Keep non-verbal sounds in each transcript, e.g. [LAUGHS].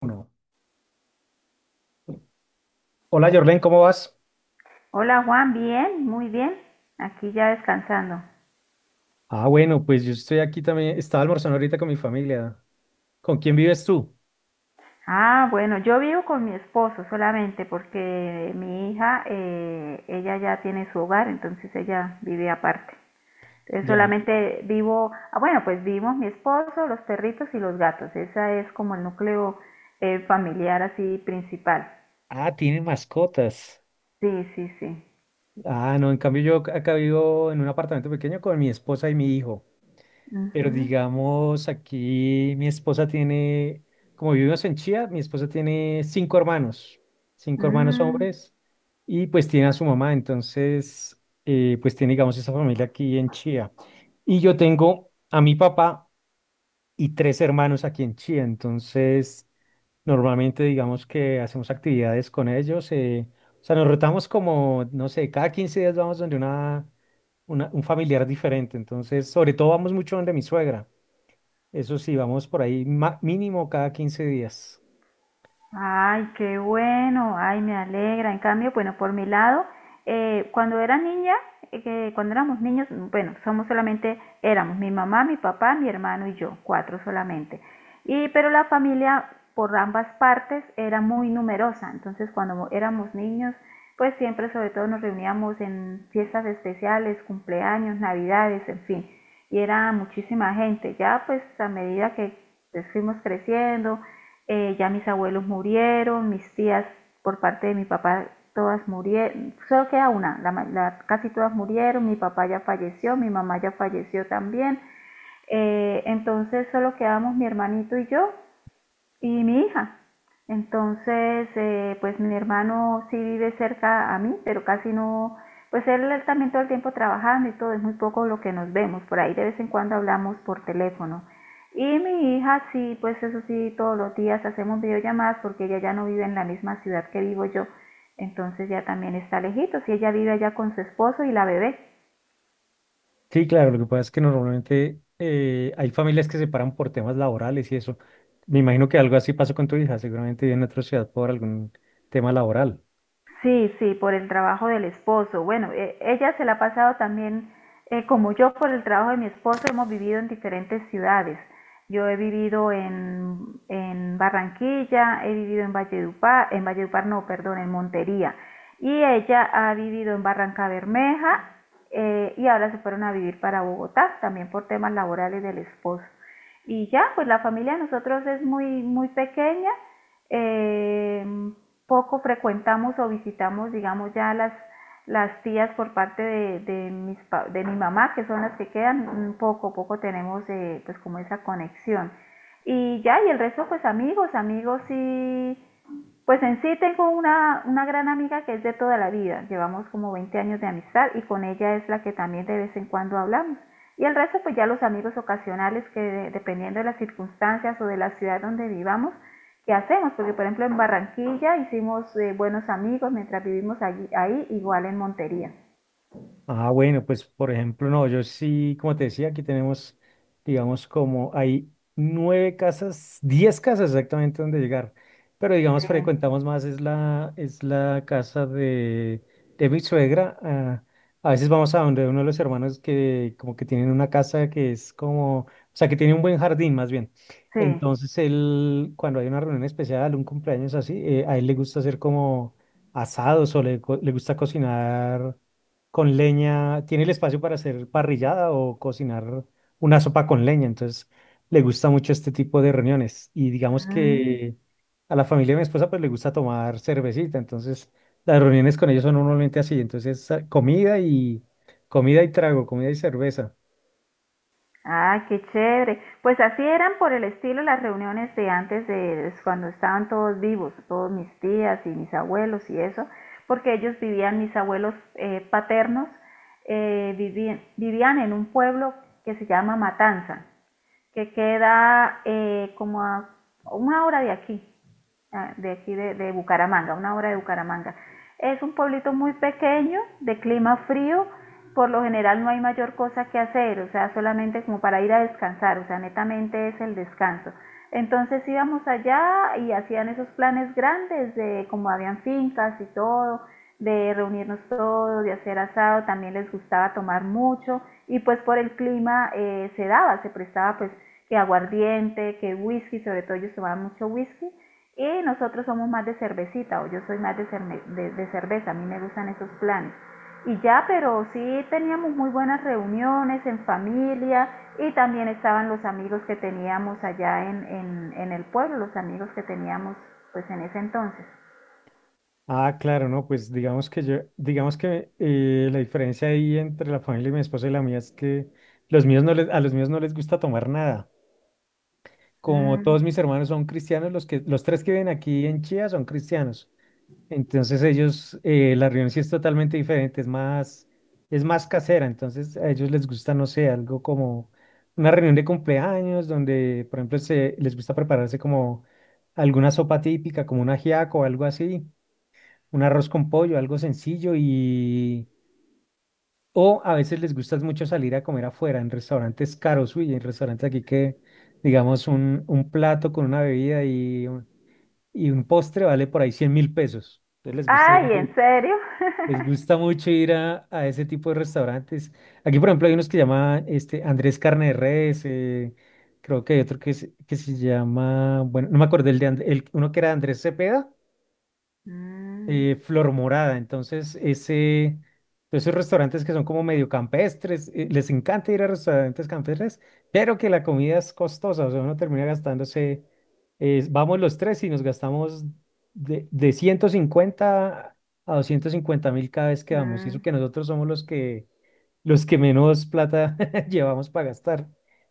Uno. Hola, Jorlen, ¿cómo vas? Hola Juan, bien, muy bien. Aquí ya descansando. Ah, bueno, pues yo estoy aquí también. Estaba almorzando ahorita con mi familia. ¿Con quién vives tú? Ah, bueno, yo vivo con mi esposo solamente porque mi hija, ella ya tiene su hogar, entonces ella vive aparte. Entonces Ya. solamente vivo, ah, bueno, pues vivimos mi esposo, los perritos y los gatos. Esa es como el núcleo familiar así principal. Ah, tienen mascotas. Sí, sí, sí. Ah, no, en cambio yo acá vivo en un apartamento pequeño con mi esposa y mi hijo. Pero Ujú. digamos, aquí mi esposa tiene, como vivimos en Chía, mi esposa tiene cinco hermanos Mm. hombres, y pues tiene a su mamá. Entonces, pues tiene, digamos, esa familia aquí en Chía. Y yo tengo a mi papá. Y tres hermanos aquí en Chía. Entonces, normalmente digamos que hacemos actividades con ellos. O sea, nos rotamos como, no sé, cada 15 días vamos donde un familiar diferente. Entonces, sobre todo vamos mucho donde mi suegra. Eso sí, vamos por ahí mínimo cada 15 días. Ay, qué bueno, ay, me alegra. En cambio, bueno, por mi lado, cuando era niña, que cuando éramos niños, bueno, somos solamente, éramos mi mamá, mi papá, mi hermano y yo, cuatro solamente. Y, pero la familia por ambas partes era muy numerosa, entonces cuando éramos niños, pues siempre sobre todo nos reuníamos en fiestas especiales, cumpleaños, navidades, en fin, y era muchísima gente. Ya pues a medida que pues, fuimos creciendo, ya mis abuelos murieron, mis tías por parte de mi papá todas murieron, solo queda una, casi todas murieron, mi papá ya falleció, mi mamá ya falleció también, entonces solo quedamos mi hermanito y yo y mi hija. Entonces, pues mi hermano sí vive cerca a mí, pero casi no, pues él también todo el tiempo trabajando y todo, es muy poco lo que nos vemos, por ahí de vez en cuando hablamos por teléfono. Y mi hija sí, pues eso sí, todos los días hacemos videollamadas porque ella ya no vive en la misma ciudad que vivo yo, entonces ya también está lejitos y ella vive allá con su esposo y la bebé. Sí, claro, lo que pasa es que normalmente hay familias que se paran por temas laborales y eso. Me imagino que algo así pasó con tu hija, seguramente vive en otra ciudad por algún tema laboral. Sí, sí, por el trabajo del esposo. Bueno, ella se la ha pasado también, como yo, por el trabajo de mi esposo, hemos vivido en diferentes ciudades. Yo he vivido en Barranquilla, he vivido en Valledupar no, perdón, en Montería. Y ella ha vivido en Barranca Bermeja y ahora se fueron a vivir para Bogotá, también por temas laborales del esposo. Y ya, pues la familia de nosotros es muy, muy pequeña eh, poco frecuentamos o visitamos, digamos, las tías por parte de de mi mamá, que son las que quedan, poco, poco tenemos pues como esa conexión. Y ya, y el resto pues amigos, amigos y pues en sí tengo una gran amiga que es de toda la vida, llevamos como 20 años de amistad y con ella es la que también de vez en cuando hablamos. Y el resto pues ya los amigos ocasionales dependiendo de las circunstancias o de la ciudad donde vivamos, que hacemos, porque por ejemplo en Barranquilla hicimos buenos amigos mientras vivimos allí, ahí, igual en Montería. Ah, bueno, pues por ejemplo, no, yo sí, como te decía, aquí tenemos, digamos, como hay nueve casas, 10 casas exactamente donde llegar, pero Sí, digamos, frecuentamos más, es la casa de mi suegra. A veces vamos a donde uno de los hermanos que como que tienen una casa que es como, o sea, que tiene un buen jardín más bien. sí. Entonces, él, cuando hay una reunión especial, un cumpleaños así, a él le gusta hacer como asados o le gusta cocinar con leña, tiene el espacio para hacer parrillada o cocinar una sopa con leña, entonces le gusta mucho este tipo de reuniones y digamos Mm. que a la familia de mi esposa pues le gusta tomar cervecita, entonces las reuniones con ellos son normalmente así, entonces comida y comida y trago, comida y cerveza. Ah, qué chévere. Pues así eran por el estilo las reuniones de antes de cuando estaban todos vivos, todos mis tías y mis abuelos y eso, porque ellos vivían, mis abuelos paternos, vivían en un pueblo que se llama Matanza, que queda como a una hora de aquí, ah, de aquí de Bucaramanga, una hora de Bucaramanga. Es un pueblito muy pequeño, de clima frío, por lo general no hay mayor cosa que hacer, o sea, solamente como para ir a descansar, o sea, netamente es el descanso. Entonces íbamos allá y hacían esos planes grandes de como habían fincas y todo, de reunirnos todos, de hacer asado, también les gustaba tomar mucho y pues por el clima se daba, se prestaba pues que aguardiente, que whisky, sobre todo ellos tomaban mucho whisky y nosotros somos más de cervecita o yo soy más de cerveza, a mí me gustan esos planes. Y ya, pero sí teníamos muy buenas reuniones en familia y también estaban los amigos que teníamos allá en el pueblo, los amigos que teníamos pues en ese entonces. Ah, claro, no, pues digamos que yo, digamos que la diferencia ahí entre la familia de mi esposa y la mía es que los míos no les, a los míos no les gusta tomar nada. Como Mm. todos mis hermanos son cristianos, los que, los tres que viven aquí en Chía son cristianos. Entonces ellos, la reunión sí es totalmente diferente, es más casera. Entonces a ellos les gusta, no sé, algo como una reunión de cumpleaños donde, por ejemplo, se, les gusta prepararse como alguna sopa típica, como un ajiaco o algo así, un arroz con pollo, algo sencillo y o a veces les gusta mucho salir a comer afuera, en restaurantes caros. Uy, en restaurantes aquí que, digamos, un plato con una bebida y un postre vale por ahí 100.000 pesos. Entonces les gusta Ay, ir, ¿en serio? les gusta mucho ir a ese tipo de restaurantes. Aquí, por ejemplo, hay unos que llaman este, Andrés Carne de Res. Creo que hay otro que, que se llama, bueno, no me acordé el de uno que era Andrés Cepeda. [LAUGHS] mm, Flor Morada. Entonces, ese, esos restaurantes que son como medio campestres, les encanta ir a restaurantes campestres, pero que la comida es costosa, o sea, uno termina gastándose, vamos los tres y nos gastamos de 150 a 250.000 cada vez que vamos. Y eso mm, que nosotros somos los que menos plata [LAUGHS] llevamos para gastar.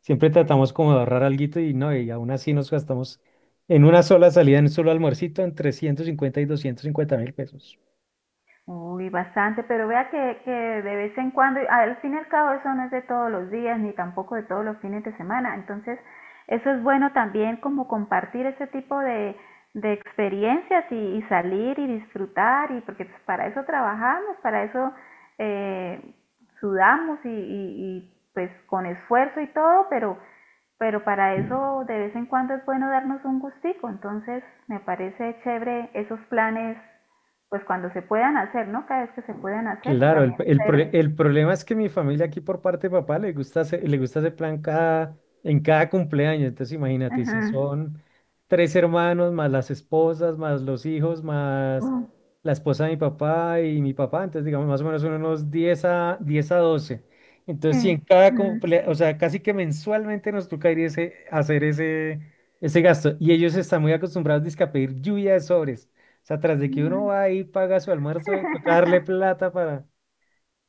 Siempre sí. tratamos como de ahorrar alguito y no, y aún así nos gastamos en una sola salida, en un solo almuercito, entre 150 y 250 mil pesos. Uy, bastante, pero vea que de vez en cuando, y al fin y al cabo eso no es de todos los días ni tampoco de todos los fines de semana, entonces eso es bueno también como compartir ese tipo de experiencias y salir y disfrutar y porque pues, para eso trabajamos, para eso eh, sudamos pues con esfuerzo y todo, pero para eso de vez en cuando es bueno darnos un gustico, entonces me parece chévere esos planes, pues cuando se puedan hacer, ¿no? Cada vez que se puedan hacer, Claro, el, también es el pro- chévere. el problema es que mi familia aquí por parte de papá le gusta ese plan cada, en cada cumpleaños. Entonces imagínate, si Ujú. son tres hermanos, más las esposas, más los hijos, más Ujú. la esposa de mi papá y mi papá, entonces digamos más o menos son unos diez a 12. Entonces si en cada Ujú. O sea, casi que mensualmente nos toca ir ese, hacer ese gasto. Y ellos están muy acostumbrados dizque, a pedir lluvia de sobres. O sea, tras de que uno Ujú. va ahí, paga su almuerzo, [LAUGHS]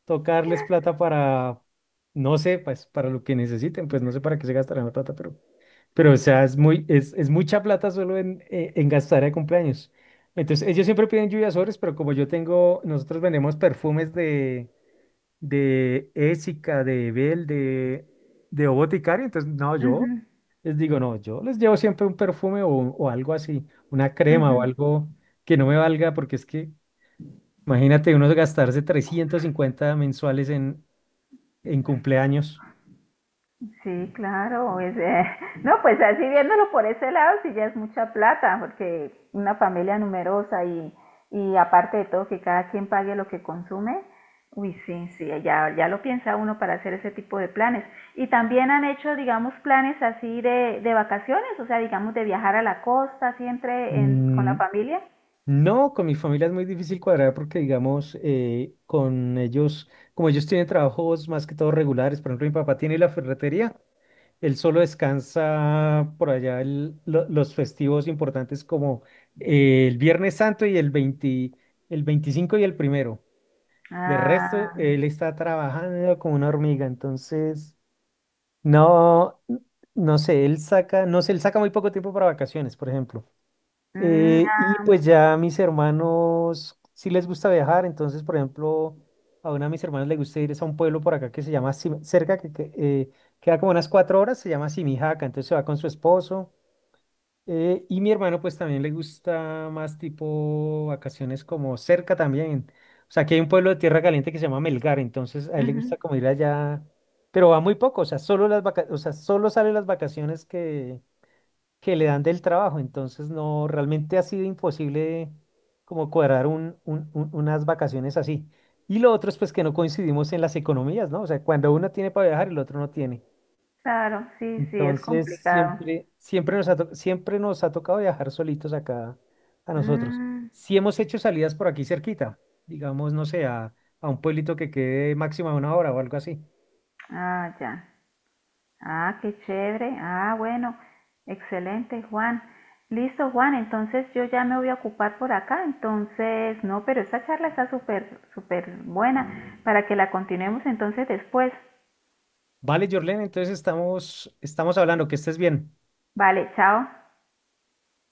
tocarles plata para, no sé, pues para lo que necesiten, pues no sé para qué se gastarán la plata, pero, pero o sea, es mucha plata solo en gastar de cumpleaños. Entonces, ellos siempre piden lluvias sobres, pero como yo tengo, nosotros vendemos perfumes de Ésica, de Ebel, de O Boticario, entonces no, yo Ujú. les digo, no, yo les llevo siempre un perfume o algo así, una crema o Ujú. algo que no me valga, porque es que imagínate uno gastarse 350 mensuales en, cumpleaños. Sí, claro. Es, [LAUGHS] no, pues así viéndolo por ese lado, sí ya es mucha plata, porque una familia numerosa y aparte de todo que cada quien pague lo que consume, uy, sí, sí, ya, ya lo piensa uno para hacer ese tipo de planes. Y también han hecho, digamos, planes así de vacaciones, o sea, digamos, de viajar a la costa, así entre con la Mm, familia. no, con mi familia es muy difícil cuadrar porque, digamos, con ellos, como ellos tienen trabajos más que todo regulares, por ejemplo, mi papá tiene la ferretería. Él solo descansa por allá los festivos importantes como el Viernes Santo y el 20, el 25 y el primero. De resto, Ah, él está trabajando como una hormiga, entonces no, no sé, él saca, no sé, él saca muy poco tiempo para vacaciones, por ejemplo. mm, Eh, ah, y pues ya a mis hermanos sí les gusta viajar, entonces, por ejemplo, a una de mis hermanos le gusta ir es a un pueblo por acá que se llama cerca, que queda como unas 4 horas, se llama Simijaca, entonces se va con su esposo. Y mi hermano pues también le gusta más tipo vacaciones como cerca también. O sea, aquí hay un pueblo de Tierra Caliente que se llama Melgar, entonces a él le ujú, gusta como ir allá, pero va muy poco, o sea, o sea, solo sale las vacaciones que le dan del trabajo. Entonces, no, realmente ha sido imposible como cuadrar unas vacaciones así. Y lo otro es pues que no coincidimos en las economías, ¿no? O sea, cuando uno tiene para viajar, el otro no tiene. claro, sí, sí, es Entonces, complicado. siempre, siempre nos ha tocado viajar solitos acá a nosotros. Mm, Si hemos hecho salidas por aquí cerquita, digamos, no sé, a un pueblito que quede máxima una hora o algo así. ah, ya. Ah, qué chévere. Ah, bueno, excelente, Juan. Listo, Juan, entonces yo ya me voy a ocupar por acá. Entonces, no, pero esta charla está súper, súper buena para que la continuemos entonces después. Vale, Jorlen, entonces estamos, hablando, que estés bien. Vale, chao.